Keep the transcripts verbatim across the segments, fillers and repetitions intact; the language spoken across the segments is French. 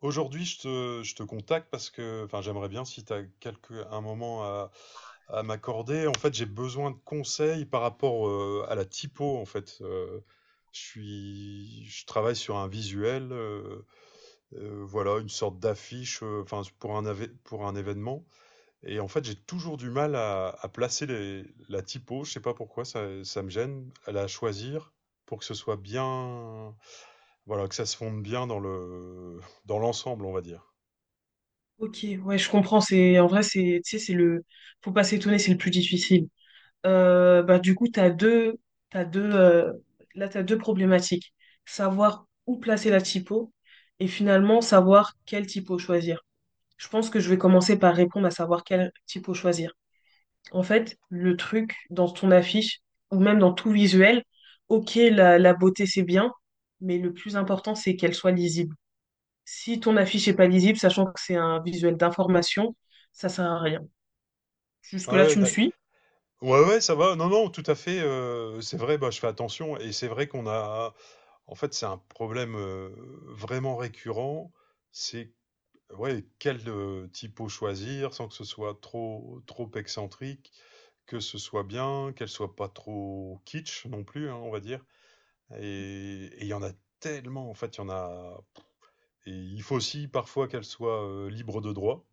Aujourd'hui, je te, je te contacte parce que, enfin, j'aimerais bien si tu as quelque, un moment à, à m'accorder. En fait, j'ai besoin de conseils par rapport euh, à la typo, en fait. Euh, je suis, je travaille sur un visuel, euh, euh, voilà, une sorte d'affiche, euh, enfin, pour un, avé- pour un événement. Et en fait, j'ai toujours du mal à, à placer les- la typo. Je sais pas pourquoi, ça, ça me gêne, à la choisir pour que ce soit bien, voilà, que ça se fonde bien dans le, dans l'ensemble, on va dire. Ok, ouais, je comprends. C'est en vrai, c'est, tu sais, c'est le, faut pas s'étonner, c'est le plus difficile. Euh, bah du coup, t'as deux, t'as deux, euh, là t'as deux problématiques. Savoir où placer la typo et finalement savoir quelle typo choisir. Je pense que je vais commencer par répondre à savoir quelle typo choisir. En fait, le truc dans ton affiche ou même dans tout visuel, ok, la, la beauté c'est bien, mais le plus important c'est qu'elle soit lisible. Si ton affiche est pas lisible, sachant que c'est un visuel d'information, ça sert à rien. Ouais, Jusque-là, ouais, tu me d'ac- suis? ouais, ouais, ça va. Non, non, tout à fait. Euh, c'est vrai, bah, je fais attention. Et c'est vrai qu'on a. En fait, c'est un problème euh, vraiment récurrent. C'est ouais, quel euh, typo choisir sans que ce soit trop, trop excentrique, que ce soit bien, qu'elle soit pas trop kitsch non plus, hein, on va dire. Et et il y en a tellement, en fait, il y en a. Et il faut aussi parfois qu'elle soit euh, libre de droit.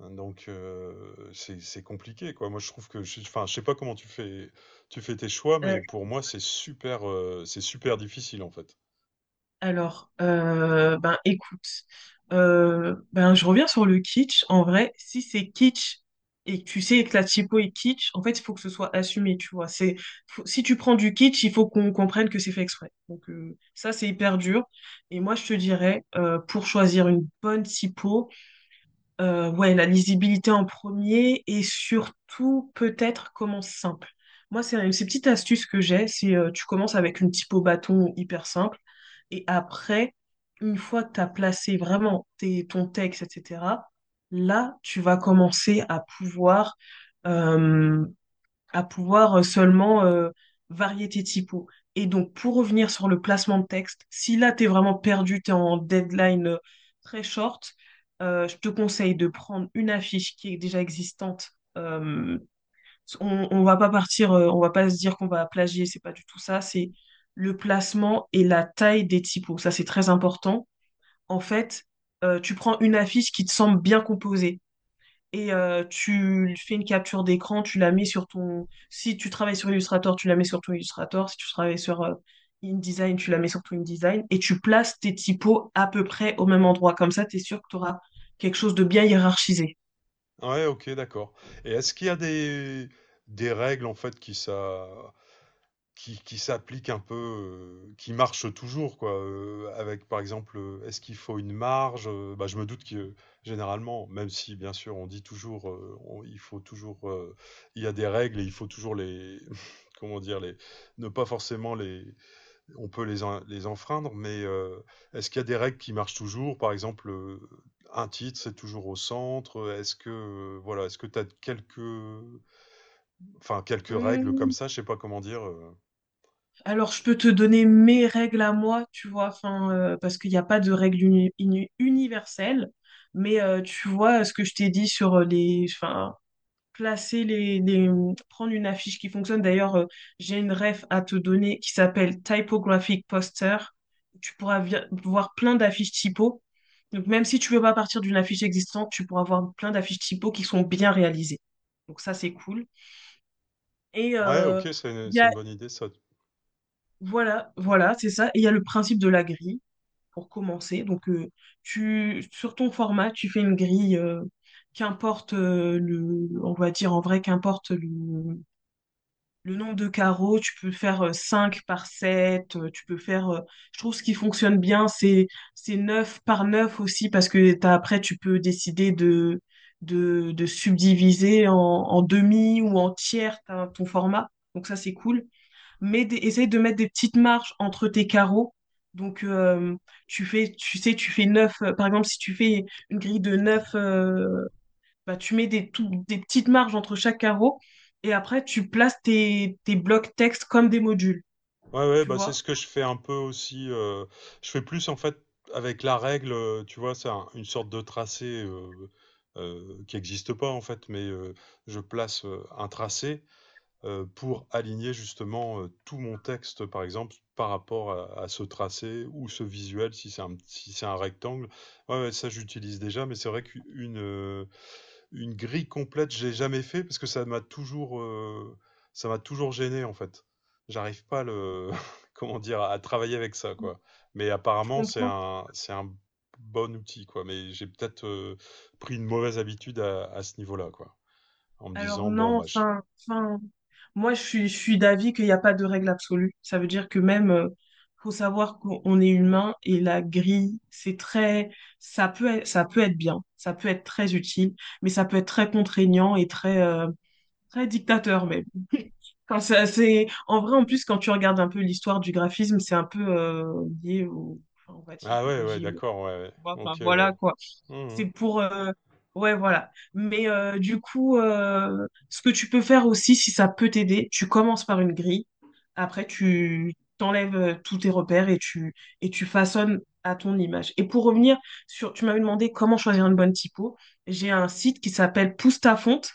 Hein, donc euh, c'est c'est compliqué quoi. Moi je trouve que je, enfin je sais pas comment tu fais tu fais tes choix Euh, mais pour moi c'est super euh, c'est super difficile en fait. alors, euh, ben écoute, euh, ben je reviens sur le kitsch. En vrai, si c'est kitsch et que tu sais que la typo est kitsch, en fait, il faut que ce soit assumé, tu vois. C'est, faut- si tu prends du kitsch, il faut qu'on comprenne que c'est fait exprès. Donc euh, ça, c'est hyper dur. Et moi, je te dirais, euh, pour choisir une bonne typo, Euh, ouais, la lisibilité en premier et surtout peut-être commence simple. Moi, c'est une, ces petites astuces que j'ai, c'est euh, tu commences avec une typo bâton hyper simple et après, une fois que tu as placé vraiment tes, ton texte, et cætera, là, tu vas commencer à pouvoir euh, à pouvoir euh, seulement euh, varier tes typos. Et donc, pour revenir sur le placement de texte, si là, tu es vraiment perdu, tu es en deadline euh, très short. Euh, je te conseille de prendre une affiche qui est déjà existante. Euh, on, on va pas partir, euh, on va pas se dire qu'on va plagier, c'est pas du tout ça. C'est le placement et la taille des typos. Ça, c'est très important. En fait, euh, Tu prends une affiche qui te semble bien composée et euh, tu fais une capture d'écran, tu la mets sur ton... Si tu travailles sur Illustrator, tu la mets sur ton Illustrator. Si tu travailles sur euh, InDesign, tu la mets sur ton InDesign. Et tu places tes typos à peu près au même endroit. Comme ça, tu es sûr que tu auras quelque chose de bien hiérarchisé. Ouais, ok, d'accord. Et est-ce qu'il y a des des règles en fait qui ça Qui qui s'applique un peu, heu, qui marche toujours quoi, heu, avec par exemple, heu, est-ce qu'il faut une marge? Heu, bah, je me doute que euh, généralement, même si bien sûr on dit toujours, heu, on il faut toujours, heu, il y a des règles et il faut toujours les comment dire? Les ne pas forcément les on peut les en les enfreindre, mais, heu, est-ce qu'il y a des règles qui marchent toujours? Par exemple, heu, un titre, c'est toujours au centre, est-ce que, heu, voilà, est-ce que tu as quelques enfin quelques règles comme Hum, ça? Je sais pas comment dire, euh. Alors, je peux te donner mes règles à moi, tu vois, enfin, euh, parce qu'il n'y a pas de règles uni- uni- universelles. Mais euh, tu vois ce que je t'ai dit sur euh, les, enfin, placer les, les- prendre une affiche qui fonctionne. D'ailleurs, euh, j'ai une ref à te donner qui s'appelle Typographic Poster. Tu pourras vi- voir plein d'affiches typo. Donc, même si tu veux pas partir d'une affiche existante, tu pourras voir plein d'affiches typo qui sont bien réalisées. Donc, ça, c'est cool. Et Ouais, euh, OK, c'est une il y c'est a, une bonne idée ça. voilà, voilà, c'est ça. Et il y a le principe de la grille pour commencer. Donc, euh, tu, sur ton format, tu fais une grille, euh, qu'importe euh, le, on va dire en vrai, qu'importe le, le nombre de carreaux, tu peux faire cinq par sept tu peux faire... euh, je trouve ce qui fonctionne bien, c'est c'est neuf par neuf aussi, parce que t'as- après, tu peux décider de, de, de subdiviser en, en demi ou en tiers ta- ton format. Donc ça, c'est cool. Mais des- essaye de mettre des petites marges entre tes carreaux. Donc euh, Tu fais, tu sais, tu fais neuf, par exemple, si tu fais une grille de neuf bah, tu mets des, tout- des petites marges entre chaque carreau et après tu places tes, tes blocs texte comme des modules. Ouais, ouais, Tu bah, c'est vois? ce que je fais un peu aussi, heu, je fais plus en fait avec la règle, heu, tu vois? C'est un une sorte de tracé, heu heu, qui n'existe pas en fait, mais heu, je place, heu, un tracé, heu, pour aligner justement, heu, tout mon texte par exemple par rapport à à ce tracé ou ce visuel si c'est un si c'est un rectangle. Ouais, ouais, ça j'utilise déjà, mais c'est vrai qu'une, euh, une grille complète, j'ai jamais fait parce que ça m'a toujours, heu, ça m'a toujours gêné en fait. J'arrive pas à le comment dire? À travailler avec ça quoi. Mais Tu apparemment c'est comprends? un c'est un bon outil quoi, mais j'ai peut-être, heu, pris une mauvaise habitude à à ce niveau-là quoi. En me Alors disant: «Bon non, bah je». enfin, enfin, moi je suis, je suis d'avis qu'il n'y a pas de règle absolue. Ça veut dire que même, euh, faut savoir qu'on est humain et la grille, c'est très, ça peut être, ça peut être bien, ça peut être très utile, mais ça peut être très contraignant et très, euh, très dictateur même. Quand ça, c'est... En vrai, en plus, quand tu regardes un peu l'histoire du graphisme, c'est un peu euh, lié au, enfin, on va dire, Ah au ouais, ouais régime. d'accord, ouais, ouais. Tu vois. Enfin, OK, ouais. voilà, quoi. Mmh mmh. C'est pour... euh, Ouais, voilà. Mais euh, du coup, euh, ce que tu peux faire aussi, si ça peut t'aider, tu commences par une grille. Après, tu t'enlèves euh, tous tes repères et tu, et tu façonnes à ton image. Et pour revenir sur... Tu m'avais demandé comment choisir une bonne typo. J'ai un site qui s'appelle Pousse ta fonte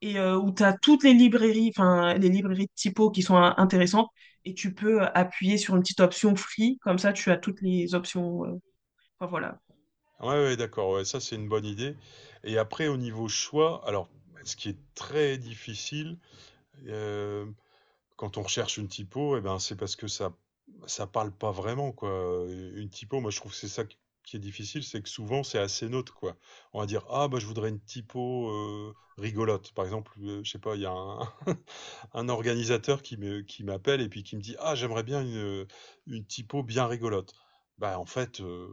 et euh, où tu as toutes les librairies, enfin, les librairies de typo qui sont euh, intéressantes. Et tu peux euh, appuyer sur une petite option free. Comme ça, tu as toutes les options. euh, Enfin, voilà. Ouais, ouais d'accord, ouais, ça c'est une bonne idée et après au niveau choix, alors ce qui est très difficile, euh, quand on recherche une typo, eh ben, c'est parce que ça ça parle pas vraiment, quoi. Une typo, moi, je trouve que c'est ça qui qui est difficile, c'est que souvent, c'est assez neutre quoi. On va dire, ah, bah, je voudrais une typo euh, rigolote. Par exemple, euh, je sais pas, il y a un, un organisateur qui me, qui m'appelle et puis qui me dit, ah, j'aimerais bien une, une typo bien rigolote. Bah, en fait, euh,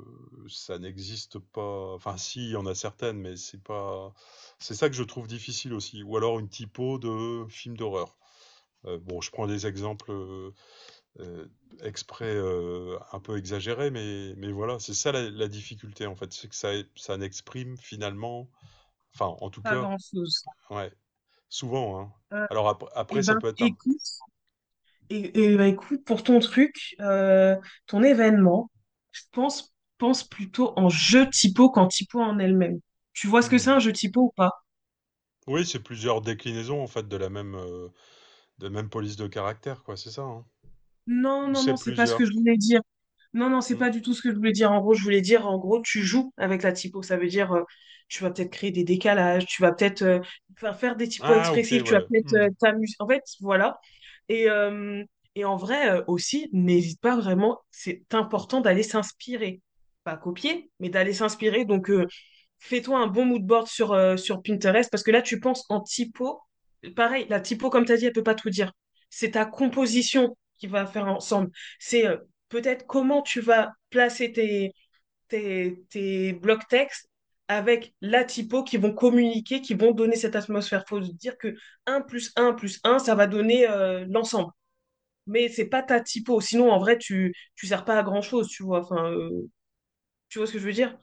ça n'existe pas. Enfin, si, il y en a certaines, mais c'est pas. C'est ça que je trouve difficile aussi. Ou alors une typo de film d'horreur. Euh, bon, je prends des exemples euh, euh, exprès euh, un peu exagérés, mais, mais voilà, c'est ça la, la difficulté en fait, c'est que ça, ça n'exprime finalement, enfin en tout Pas cas, grand-chose. ouais, souvent, hein. Alors ap- Eh après, ça ben, peut être un. écoute, et, et ben, écoute, pour ton truc, euh, ton événement, je pense, pense plutôt en jeu typo qu'en typo en elle-même. Tu vois ce que Hmm. c'est un jeu typo ou pas? Oui, c'est plusieurs déclinaisons en fait de la même, euh, de la même police de caractère, quoi, c'est ça, hein. Non, Ou non, c'est non, c'est pas ce que plusieurs. je voulais dire. Non, non, c'est Hmm. pas du tout ce que je voulais dire. En gros, je voulais dire, en gros, tu joues avec la typo. Ça veut dire, euh, tu vas peut-être créer des décalages, tu vas peut-être euh, faire faire des typos Ah, ok, expressifs, tu vas ouais. peut-être Hmm. euh, t'amuser. En fait, voilà. Et, euh, et en vrai euh, aussi, n'hésite pas vraiment, c'est important d'aller s'inspirer. Pas copier, mais d'aller s'inspirer. Donc, euh, fais-toi un bon mood board sur, euh, sur Pinterest parce que là, tu penses en typo. Pareil, la typo, comme tu as dit, elle peut pas tout dire. C'est ta composition qui va faire ensemble. C'est euh, Peut-être comment tu vas placer tes, tes, tes blocs textes avec la typo qui vont communiquer, qui vont donner cette atmosphère. Il faut dire que un plus un plus un ça va donner euh, l'ensemble. Mais c'est pas ta typo. Sinon, en vrai, tu tu sers pas à grand-chose, tu vois. Enfin, euh, tu vois ce que je veux dire?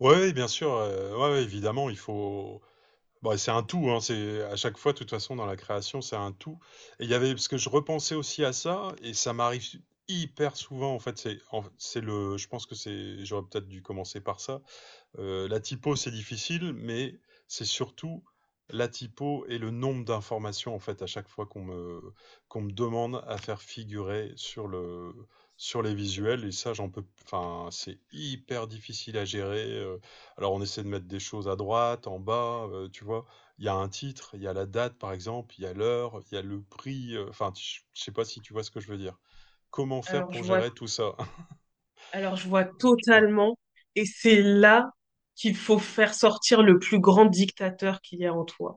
Ouais, ouais, bien sûr, euh, ouais, ouais, évidemment, il faut. Bah, c'est un tout, hein, c'est à chaque fois, de toute façon, dans la création, c'est un tout. Et il y avait, parce que je repensais aussi à ça, et ça m'arrive hyper souvent, en fait, c'est, en- c'est le, je pense que c'est, j'aurais peut-être dû commencer par ça. Euh, la typo, c'est difficile, mais c'est surtout la typo et le nombre d'informations en fait à chaque fois qu'on me, qu'on me demande à faire figurer sur le sur les visuels et ça j'en peux enfin c'est hyper difficile à gérer euh, alors on essaie de mettre des choses à droite en bas euh, tu vois il y a un titre il y a la date par exemple il y a l'heure il y a le prix euh, enfin tu- je sais pas si tu vois ce que je veux dire comment faire Alors, pour je vois, gérer tout ça alors, je vois Ouais. totalement. Et c'est là qu'il faut faire sortir le plus grand dictateur qu'il y a en toi.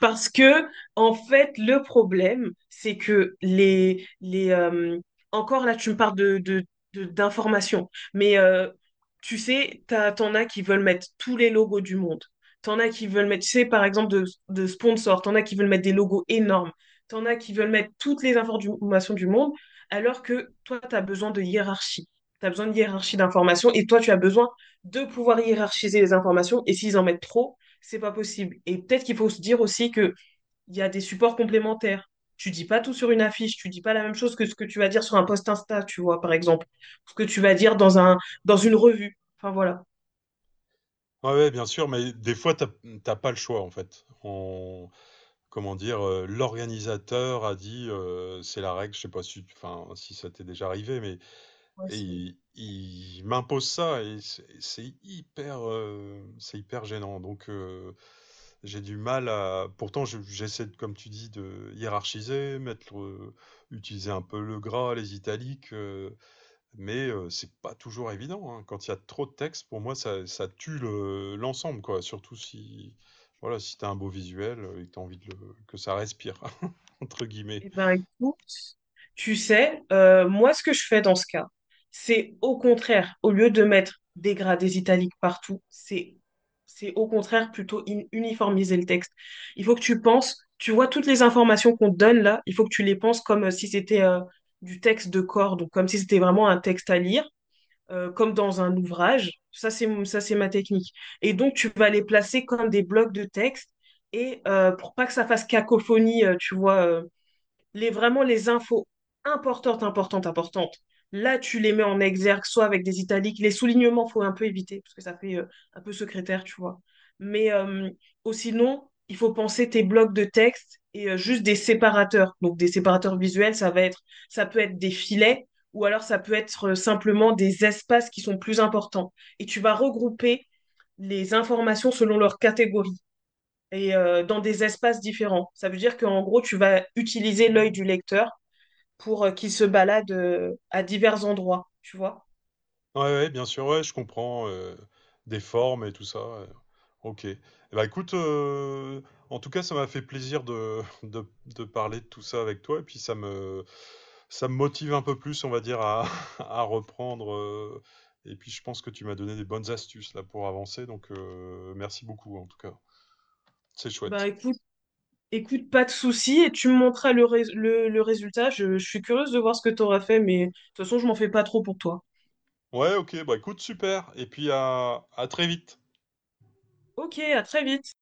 Parce que, en fait, le problème, c'est que les, les, euh, encore là, tu me parles de, de, de- d'informations, mais euh, tu sais, t'as, t'en as qui veulent mettre tous les logos du monde. T'en as qui veulent mettre, tu sais, par exemple, de, de sponsors. T'en as qui veulent mettre des logos énormes. T'en as qui veulent mettre toutes les informations du monde, alors que toi, t'as besoin de hiérarchie. T'as besoin de hiérarchie d'informations et toi, tu as besoin de pouvoir hiérarchiser les informations. Et s'ils en mettent trop, c'est pas possible. Et peut-être qu'il faut se dire aussi qu'il y a des supports complémentaires. Tu dis pas tout sur une affiche, tu dis pas la même chose que ce que tu vas dire sur un post Insta, tu vois, par exemple, ce que tu vas dire dans un dans une revue. Enfin voilà. Ouais, ouais, bien sûr, mais des fois, t'as t'as pas le choix, en fait. On, comment dire, euh, l'organisateur a dit, euh, c'est la règle, je sais pas si, enfin, si ça t'est déjà arrivé, mais Ouais, et c'est- il, il m'impose ça et c'est c'est hyper, euh, c'est hyper gênant. Donc, euh, j'ai du mal à. Pourtant, je- j'essaie, de- comme tu dis, de hiérarchiser, mettre, le- utiliser un peu le gras, les italiques, euh, mais euh, c'est pas toujours évident, hein. Quand il y a trop de texte, pour moi, ça, ça tue le- l'ensemble, quoi. Surtout si, voilà, si t'as un beau visuel euh, et que t'as envie de le- que ça respire, entre guillemets. Eh ben, écoute, tu sais, euh, moi, ce que je fais dans ce cas, c'est au contraire, au lieu de mettre des gradés italiques partout, c'est c'est au contraire plutôt in- uniformiser le texte. Il faut que tu penses, tu vois, toutes les informations qu'on te donne là, il faut que tu les penses comme euh, si c'était euh, du texte de corps, donc comme si c'était vraiment un texte à lire, euh, comme dans un ouvrage. Ça, c'est mon- ça, c'est ma technique. Et donc, tu vas les placer comme des blocs de texte. Et euh, pour pas que ça fasse cacophonie, euh, tu vois, euh, les, vraiment les infos importantes, importantes, importantes. Là, tu les mets en exergue, soit avec des italiques. Les soulignements, il faut un peu éviter, parce que ça fait euh, un peu secrétaire, tu vois. Mais euh, ou sinon, il faut penser tes blocs de texte et euh, juste des séparateurs. Donc, des séparateurs visuels, ça va être, ça peut être des filets, ou alors ça peut être euh, simplement des espaces qui sont plus importants. Et tu vas regrouper les informations selon leur catégorie et euh, dans des espaces différents. Ça veut dire qu'en gros, tu vas utiliser l'œil du lecteur pour euh, qu'ils se baladent euh, à divers endroits, tu vois. Ouais, ouais, bien sûr, ouais, je comprends, heu, des formes et tout ça, heu, OK. Et ben écoute, heu, en tout cas, ça m'a fait plaisir de de de parler de tout ça avec toi et puis ça me ça me motive un peu plus, on va dire, à à reprendre, heu et puis je pense que tu m'as donné des bonnes astuces là pour avancer donc heu, merci beaucoup en tout cas. C'est Ben chouette. écoute, écoute, pas de souci et tu me montreras le, rés- le, le résultat. Je, je suis curieuse de voir ce que tu auras fait, mais de toute façon, je m'en fais pas trop pour toi. Ouais, OK, bah, écoute, super et puis à à très vite. Ok, à très vite.